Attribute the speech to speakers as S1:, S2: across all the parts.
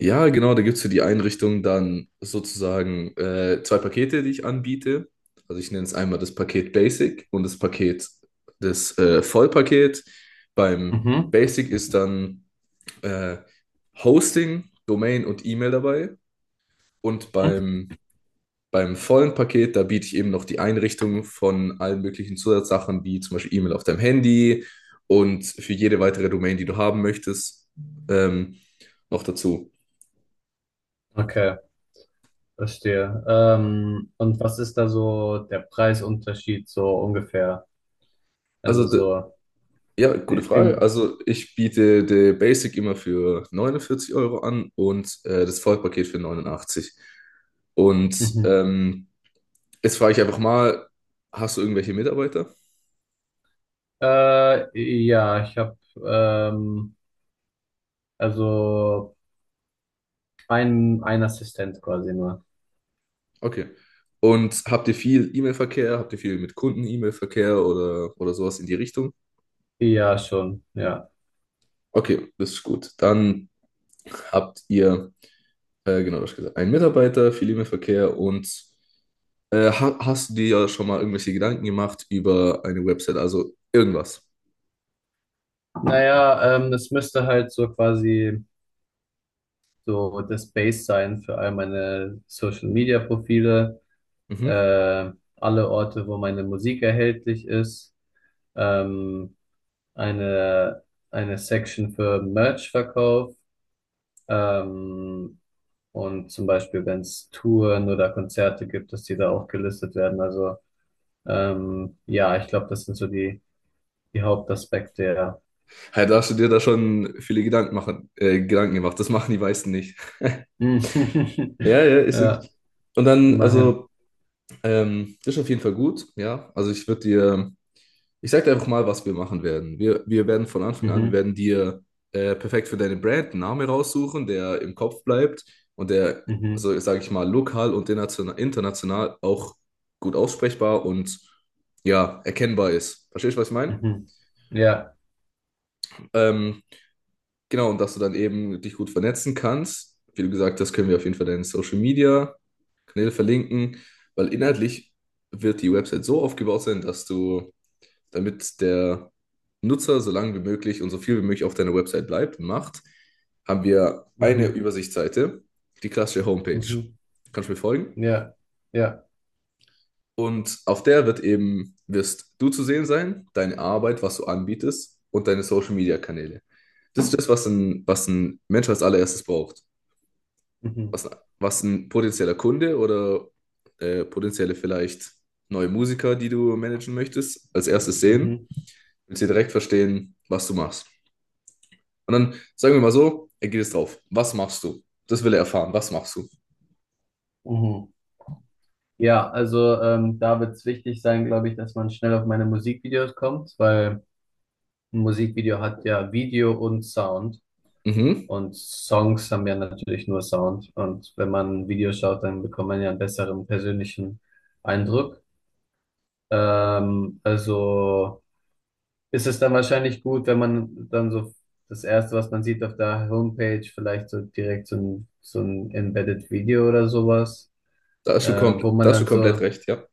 S1: Ja, genau, da gibt es für die Einrichtung dann sozusagen zwei Pakete, die ich anbiete. Also ich nenne es einmal das Paket Basic und das Paket, das Vollpaket. Beim
S2: Mhm.
S1: Basic ist dann äh, Hosting, Domain und E-Mail dabei. Und
S2: Mhm.
S1: beim, beim vollen Paket, da biete ich eben noch die Einrichtung von allen möglichen Zusatzsachen, wie zum Beispiel E-Mail auf deinem Handy und für jede weitere Domain, die du haben möchtest, ähm, noch dazu.
S2: Okay, verstehe. Und was ist da so der Preisunterschied so ungefähr?
S1: Also
S2: Also
S1: d-
S2: so
S1: Ja, gute
S2: in,
S1: Frage.
S2: in
S1: Also ich biete der Basic immer für 49 Euro an und das Vollpaket für 89. Und
S2: mhm.
S1: jetzt frage ich einfach mal, hast du irgendwelche Mitarbeiter?
S2: Äh, ja, ich habe ähm, also ein Assistent quasi nur.
S1: Okay. Und habt ihr viel E-Mail-Verkehr? Habt ihr viel mit Kunden E-Mail-Verkehr oder sowas in die Richtung?
S2: Ja, schon, ja.
S1: Okay, das ist gut. Dann habt ihr, genau, das gesagt, einen Mitarbeiter, viel E-Mail-Verkehr und ha hast du dir ja schon mal irgendwelche Gedanken gemacht über eine Website, also irgendwas?
S2: Naja, es müsste halt so quasi so das Base sein für all meine Social Media Profile,
S1: Mhm.
S2: äh, alle Orte, wo meine Musik erhältlich ist. Ähm, eine, eine Section für Merch-Verkauf. Ähm, und zum Beispiel, wenn es Touren oder Konzerte gibt, dass die da auch gelistet werden. Also ja, ich glaube, das sind so die Hauptaspekte, ja.
S1: Ja, da hast du dir da schon viele Gedanken gemacht. Das machen die meisten nicht.
S2: Mhm.
S1: Ja, ja, ist
S2: Ja,
S1: wirklich. Und dann,
S2: immerhin.
S1: also, das ist auf jeden Fall gut, ja. Also ich würde dir, ich sag dir einfach mal, was wir machen werden. Wir werden von Anfang an, wir
S2: Mhm,
S1: werden dir perfekt für deine Brand einen Namen raussuchen, der im Kopf bleibt und der,
S2: mhm,
S1: so sage ich mal, lokal und international, international auch gut aussprechbar und ja, erkennbar ist. Verstehst du, was ich meine?
S2: mhm. Ja,
S1: Ähm, Genau, und dass du dann eben dich gut vernetzen kannst. Wie du gesagt hast, können wir auf jeden Fall deine Social Media Kanäle verlinken, weil inhaltlich wird die Website so aufgebaut sein, dass du, damit der Nutzer so lange wie möglich und so viel wie möglich auf deiner Website bleibt und macht, haben wir eine
S2: mhm,
S1: Übersichtsseite, die klassische Homepage.
S2: mhm.
S1: Kannst du mir folgen?
S2: Ja, ja,
S1: Und auf der wird eben, wirst du zu sehen sein, deine Arbeit, was du anbietest und deine Social Media Kanäle. Das ist das, was ein Mensch als allererstes braucht.
S2: mhm,
S1: was, was ein potenzieller Kunde oder potenzielle vielleicht neue Musiker, die du managen möchtest, als erstes sehen,
S2: mhm,
S1: willst du direkt verstehen, was du machst. Und dann sagen wir mal so, er geht jetzt drauf. Was machst du? Das will er erfahren. Was machst du?
S2: mhm. Ja, also da wird es wichtig sein, glaube ich, dass man schnell auf meine Musikvideos kommt, weil ein Musikvideo hat ja Video und Sound
S1: Mhm.
S2: und Songs haben ja natürlich nur Sound. Und wenn man ein Video schaut, dann bekommt man ja einen besseren persönlichen Eindruck. Also ist es dann wahrscheinlich gut, wenn man dann so das Erste, was man sieht auf der Homepage, vielleicht so direkt so ein Embedded Video oder sowas, äh, wo
S1: Da
S2: man
S1: hast du
S2: dann
S1: komplett
S2: so,
S1: recht, ja.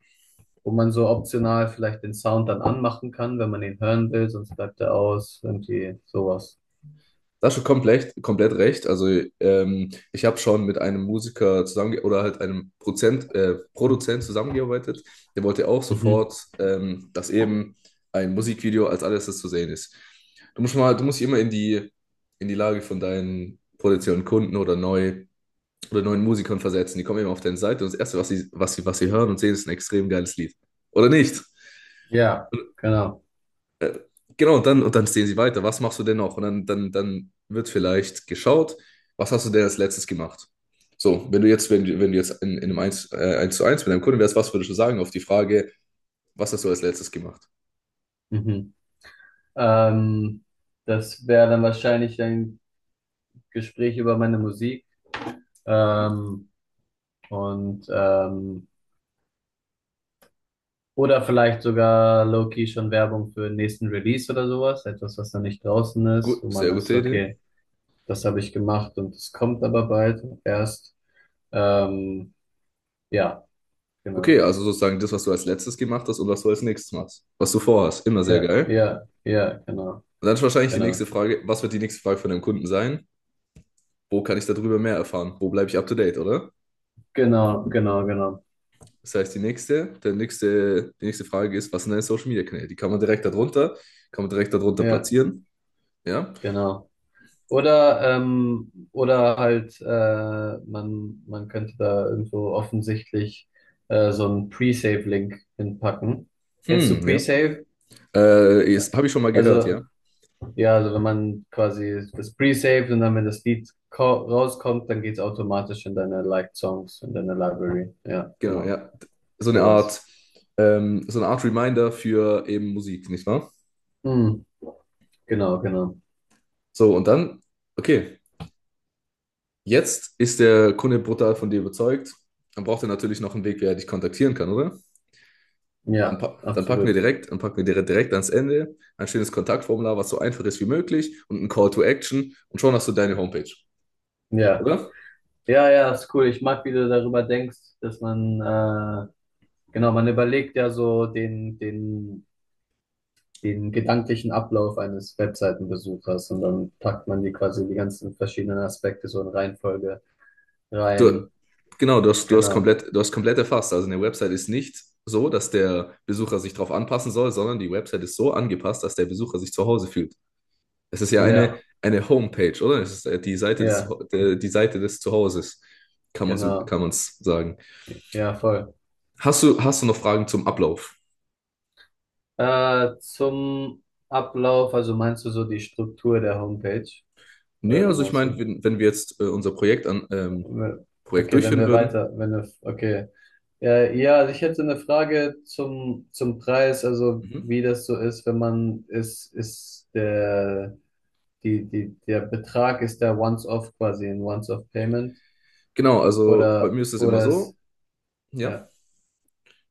S2: wo man so optional vielleicht den Sound dann anmachen kann, wenn man ihn hören will, sonst bleibt er aus, irgendwie sowas.
S1: Das schon komplett, komplett recht. Also ich habe schon mit einem Musiker zusammen oder halt einem Produzent zusammengearbeitet. Der wollte auch
S2: Mhm.
S1: sofort, dass eben ein Musikvideo als alles das zu sehen ist. Du musst dich immer in die Lage von deinen potenziellen Kunden oder neuen Musikern versetzen. Die kommen eben auf deine Seite und das Erste, was sie hören und sehen, ist ein extrem geiles Lied. Oder nicht?
S2: Ja, genau.
S1: Genau, und dann sehen sie weiter. Was machst du denn noch? Dann wird vielleicht geschaut, was hast du denn als letztes gemacht? So, wenn du jetzt in einem 1 zu 1 mit einem Kunden wärst, was würdest du sagen auf die Frage, was hast du als letztes gemacht?
S2: Mhm. Ähm, Das wäre dann wahrscheinlich ein Gespräch über meine Musik.
S1: Mhm.
S2: Ähm, und ähm, oder vielleicht sogar low-key schon Werbung für den nächsten Release oder sowas. Etwas, was noch nicht draußen ist, wo
S1: Gut,
S2: man
S1: sehr gute
S2: ist,
S1: Idee.
S2: okay, das habe ich gemacht und es kommt aber bald erst. Ähm, ja,
S1: Okay,
S2: genau.
S1: also sozusagen das, was du als letztes gemacht hast und was du als nächstes machst. Was du vorhast, immer sehr
S2: Ja,
S1: geil.
S2: ja, ja, genau,
S1: Und dann ist wahrscheinlich die
S2: genau.
S1: nächste Frage, was wird die nächste Frage von deinem Kunden sein? Wo kann ich darüber mehr erfahren? Wo bleibe ich up to date, oder?
S2: Genau, genau, genau.
S1: Das heißt, die nächste Frage ist, was sind deine Social Media Kanäle? Die kann man direkt darunter, kann man direkt darunter
S2: Ja,
S1: platzieren. Ja.
S2: genau. Oder halt, man könnte da irgendwo offensichtlich so einen Pre-Save-Link hinpacken. Kennst du
S1: Hm, ja.
S2: Pre-Save?
S1: Das habe ich schon mal gehört, ja.
S2: Also, ja, also wenn man quasi das Pre-Saved und dann, wenn das Lied rauskommt, dann geht's automatisch in deine Liked Songs, in deine Library. Ja,
S1: Genau,
S2: genau.
S1: ja. So eine
S2: Sowas.
S1: Art, so eine Art Reminder für eben Musik, nicht wahr?
S2: Hm, genau, genau.
S1: So, und dann, okay, jetzt ist der Kunde brutal von dir überzeugt. Dann braucht er natürlich noch einen Weg, wie er dich kontaktieren kann, oder?
S2: Ja, absolut.
S1: Dann packen wir direkt ans Ende ein schönes Kontaktformular, was so einfach ist wie möglich und ein Call to Action und schon hast du deine Homepage,
S2: Ja.
S1: oder?
S2: Ja, ja, ist cool. Ich mag, wie du darüber denkst, dass man genau, man überlegt ja so den, den gedanklichen Ablauf eines Webseitenbesuchers und dann packt man die quasi die ganzen verschiedenen Aspekte so in Reihenfolge
S1: Du,
S2: rein.
S1: genau,
S2: Genau.
S1: du hast komplett erfasst. Also eine Website ist nicht so, dass der Besucher sich darauf anpassen soll, sondern die Website ist so angepasst, dass der Besucher sich zu Hause fühlt. Es ist ja
S2: Ja,
S1: eine Homepage, oder? Es ist
S2: ja,
S1: Die Seite des Zuhauses, kann man
S2: genau.
S1: kann man's sagen.
S2: Ja, voll.
S1: Hast du noch Fragen zum Ablauf?
S2: Zum Ablauf, also meinst du so die Struktur der Homepage?
S1: Nee,
S2: Oder wie
S1: also ich
S2: meinst
S1: meine,
S2: du?
S1: wenn wir jetzt unser Projekt
S2: Okay, wenn
S1: durchführen
S2: wir
S1: würden.
S2: weiter, wenn wir, okay. Ja, also ich hätte eine Frage zum Preis, also
S1: Mhm.
S2: wie das so ist, wenn man, ist der, die der Betrag, ist der Once-Off quasi, ein Once-Off-Payment
S1: Genau, also bei mir
S2: oder,
S1: ist es immer
S2: oder ist,
S1: so, ja.
S2: ja,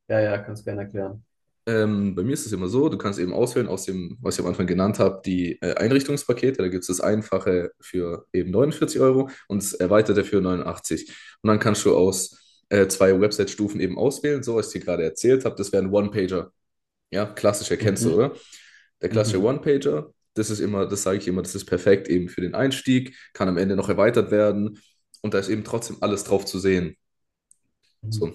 S2: ja, ja, kannst gerne erklären.
S1: Bei mir ist es immer so, du kannst eben auswählen aus dem, was ich am Anfang genannt habe, die Einrichtungspakete. Da gibt es das Einfache für eben 49 Euro und das Erweiterte für 89. Und dann kannst du aus zwei Website-Stufen eben auswählen, so was ich dir gerade erzählt habe. Das wäre ein One-Pager. Ja, klassischer kennst du,
S2: Mhm,
S1: oder? Der klassische
S2: mhm,
S1: One-Pager, das ist immer, das sage ich immer, das ist perfekt eben für den Einstieg, kann am Ende noch erweitert werden und da ist eben trotzdem alles drauf zu sehen.
S2: mhm,
S1: So,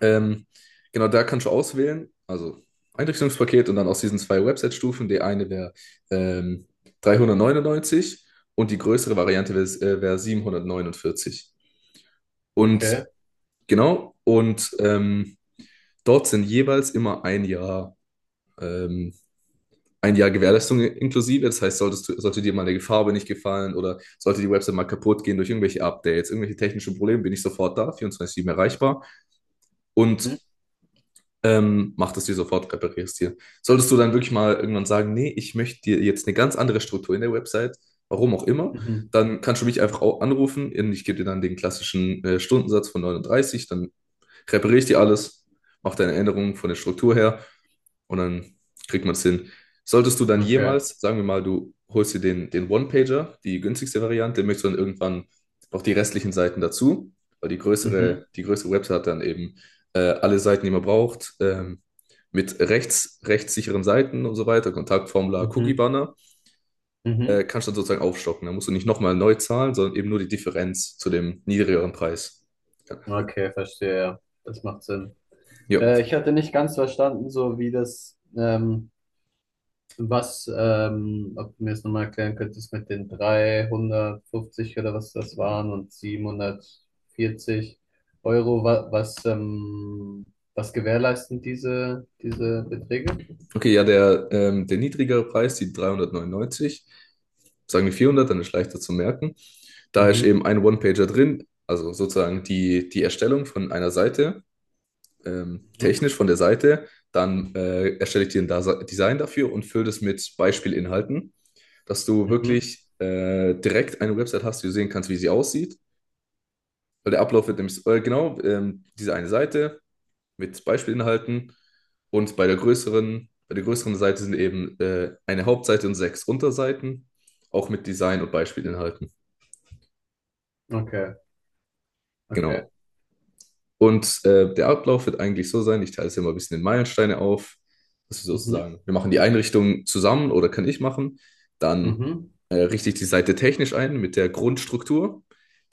S1: Ähm, genau, da kannst du auswählen, also Einrichtungspaket und dann aus diesen zwei Website-Stufen. Die eine wäre ähm, 399 und die größere Variante wäre wär 749. Und
S2: okay,
S1: genau, und dort sind jeweils immer ähm, 1 Jahr Gewährleistung inklusive. Das heißt, solltest du, sollte dir mal eine Farbe nicht gefallen oder sollte die Website mal kaputt gehen durch irgendwelche Updates, irgendwelche technischen Probleme, bin ich sofort da, 24/7 erreichbar. Und
S2: mhm,
S1: mach das dir sofort, reparierst dir. Solltest du dann wirklich mal irgendwann sagen, nee, ich möchte dir jetzt eine ganz andere Struktur in der Website, warum auch immer,
S2: mhm,
S1: dann kannst du mich einfach anrufen. Ich gebe dir dann den klassischen Stundensatz von 39, dann Präpariere ich dir alles, mach deine Änderungen von der Struktur her und dann kriegt man es hin. Solltest du dann
S2: okay,
S1: jemals, sagen wir mal, du holst dir den One-Pager, die günstigste Variante, möchtest du dann irgendwann noch die restlichen Seiten dazu, weil
S2: mhm,
S1: die größere Website hat dann eben alle Seiten, die man braucht, mit rechtssicheren Seiten und so weiter, Kontaktformular,
S2: mhm,
S1: Cookie-Banner,
S2: mhm,
S1: kannst du dann sozusagen aufstocken. Da musst du nicht nochmal neu zahlen, sondern eben nur die Differenz zu dem niedrigeren Preis. Ja.
S2: okay, verstehe, ja, das macht Sinn.
S1: Ja.
S2: Ich hatte nicht ganz verstanden, so wie das, was, ob du mir das nochmal erklären könntest mit den 350 oder was das waren und 740 Euro, wa was, was gewährleisten diese Beträge?
S1: Okay, ja, der niedrigere Preis, die 399, sagen wir 400, dann ist leichter zu merken. Da ist
S2: Mhm,
S1: eben ein One-Pager drin, also sozusagen die Erstellung von einer Seite,
S2: mhm,
S1: technisch von der Seite. Dann erstelle ich dir ein Design dafür und fülle das mit Beispielinhalten, dass du
S2: mhm,
S1: wirklich direkt eine Website hast, die du sehen kannst, wie sie aussieht. Weil der Ablauf wird nämlich, diese eine Seite, mit Beispielinhalten. Und bei der größeren Seite sind eben eine Hauptseite und 6 Unterseiten, auch mit Design und Beispielinhalten.
S2: okay, okay,
S1: Genau. Und der Ablauf wird eigentlich so sein, ich teile es ja mal ein bisschen in Meilensteine auf, dass wir
S2: mhm,
S1: sozusagen, wir machen die Einrichtung zusammen oder kann ich machen, dann
S2: mhm,
S1: richte ich die Seite technisch ein mit der Grundstruktur,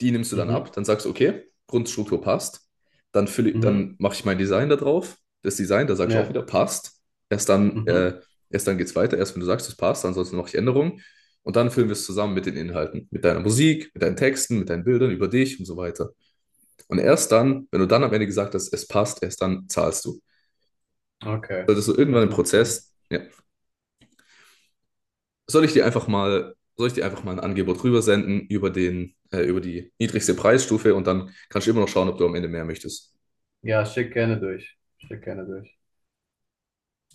S1: die nimmst du dann
S2: mhm,
S1: ab, dann sagst du, okay, Grundstruktur passt,
S2: mhm,
S1: dann mache ich mein Design da drauf, das Design, da sagst du auch
S2: ja,
S1: wieder, passt, erst dann,
S2: mhm,
S1: äh, erst dann geht es weiter, erst wenn du sagst, es passt, ansonsten mache ich Änderungen und dann füllen wir es zusammen mit den Inhalten, mit deiner Musik, mit deinen Texten, mit deinen Bildern über dich und so weiter. Und erst dann, wenn du dann am Ende gesagt hast, es passt, erst dann zahlst du.
S2: okay,
S1: Solltest du irgendwann
S2: das
S1: im
S2: macht Sinn.
S1: Prozess, ja, soll ich dir einfach mal ein Angebot rübersenden über den, über die niedrigste Preisstufe und dann kannst du immer noch schauen, ob du am Ende mehr möchtest.
S2: Ja, schick gerne durch, schick gerne durch.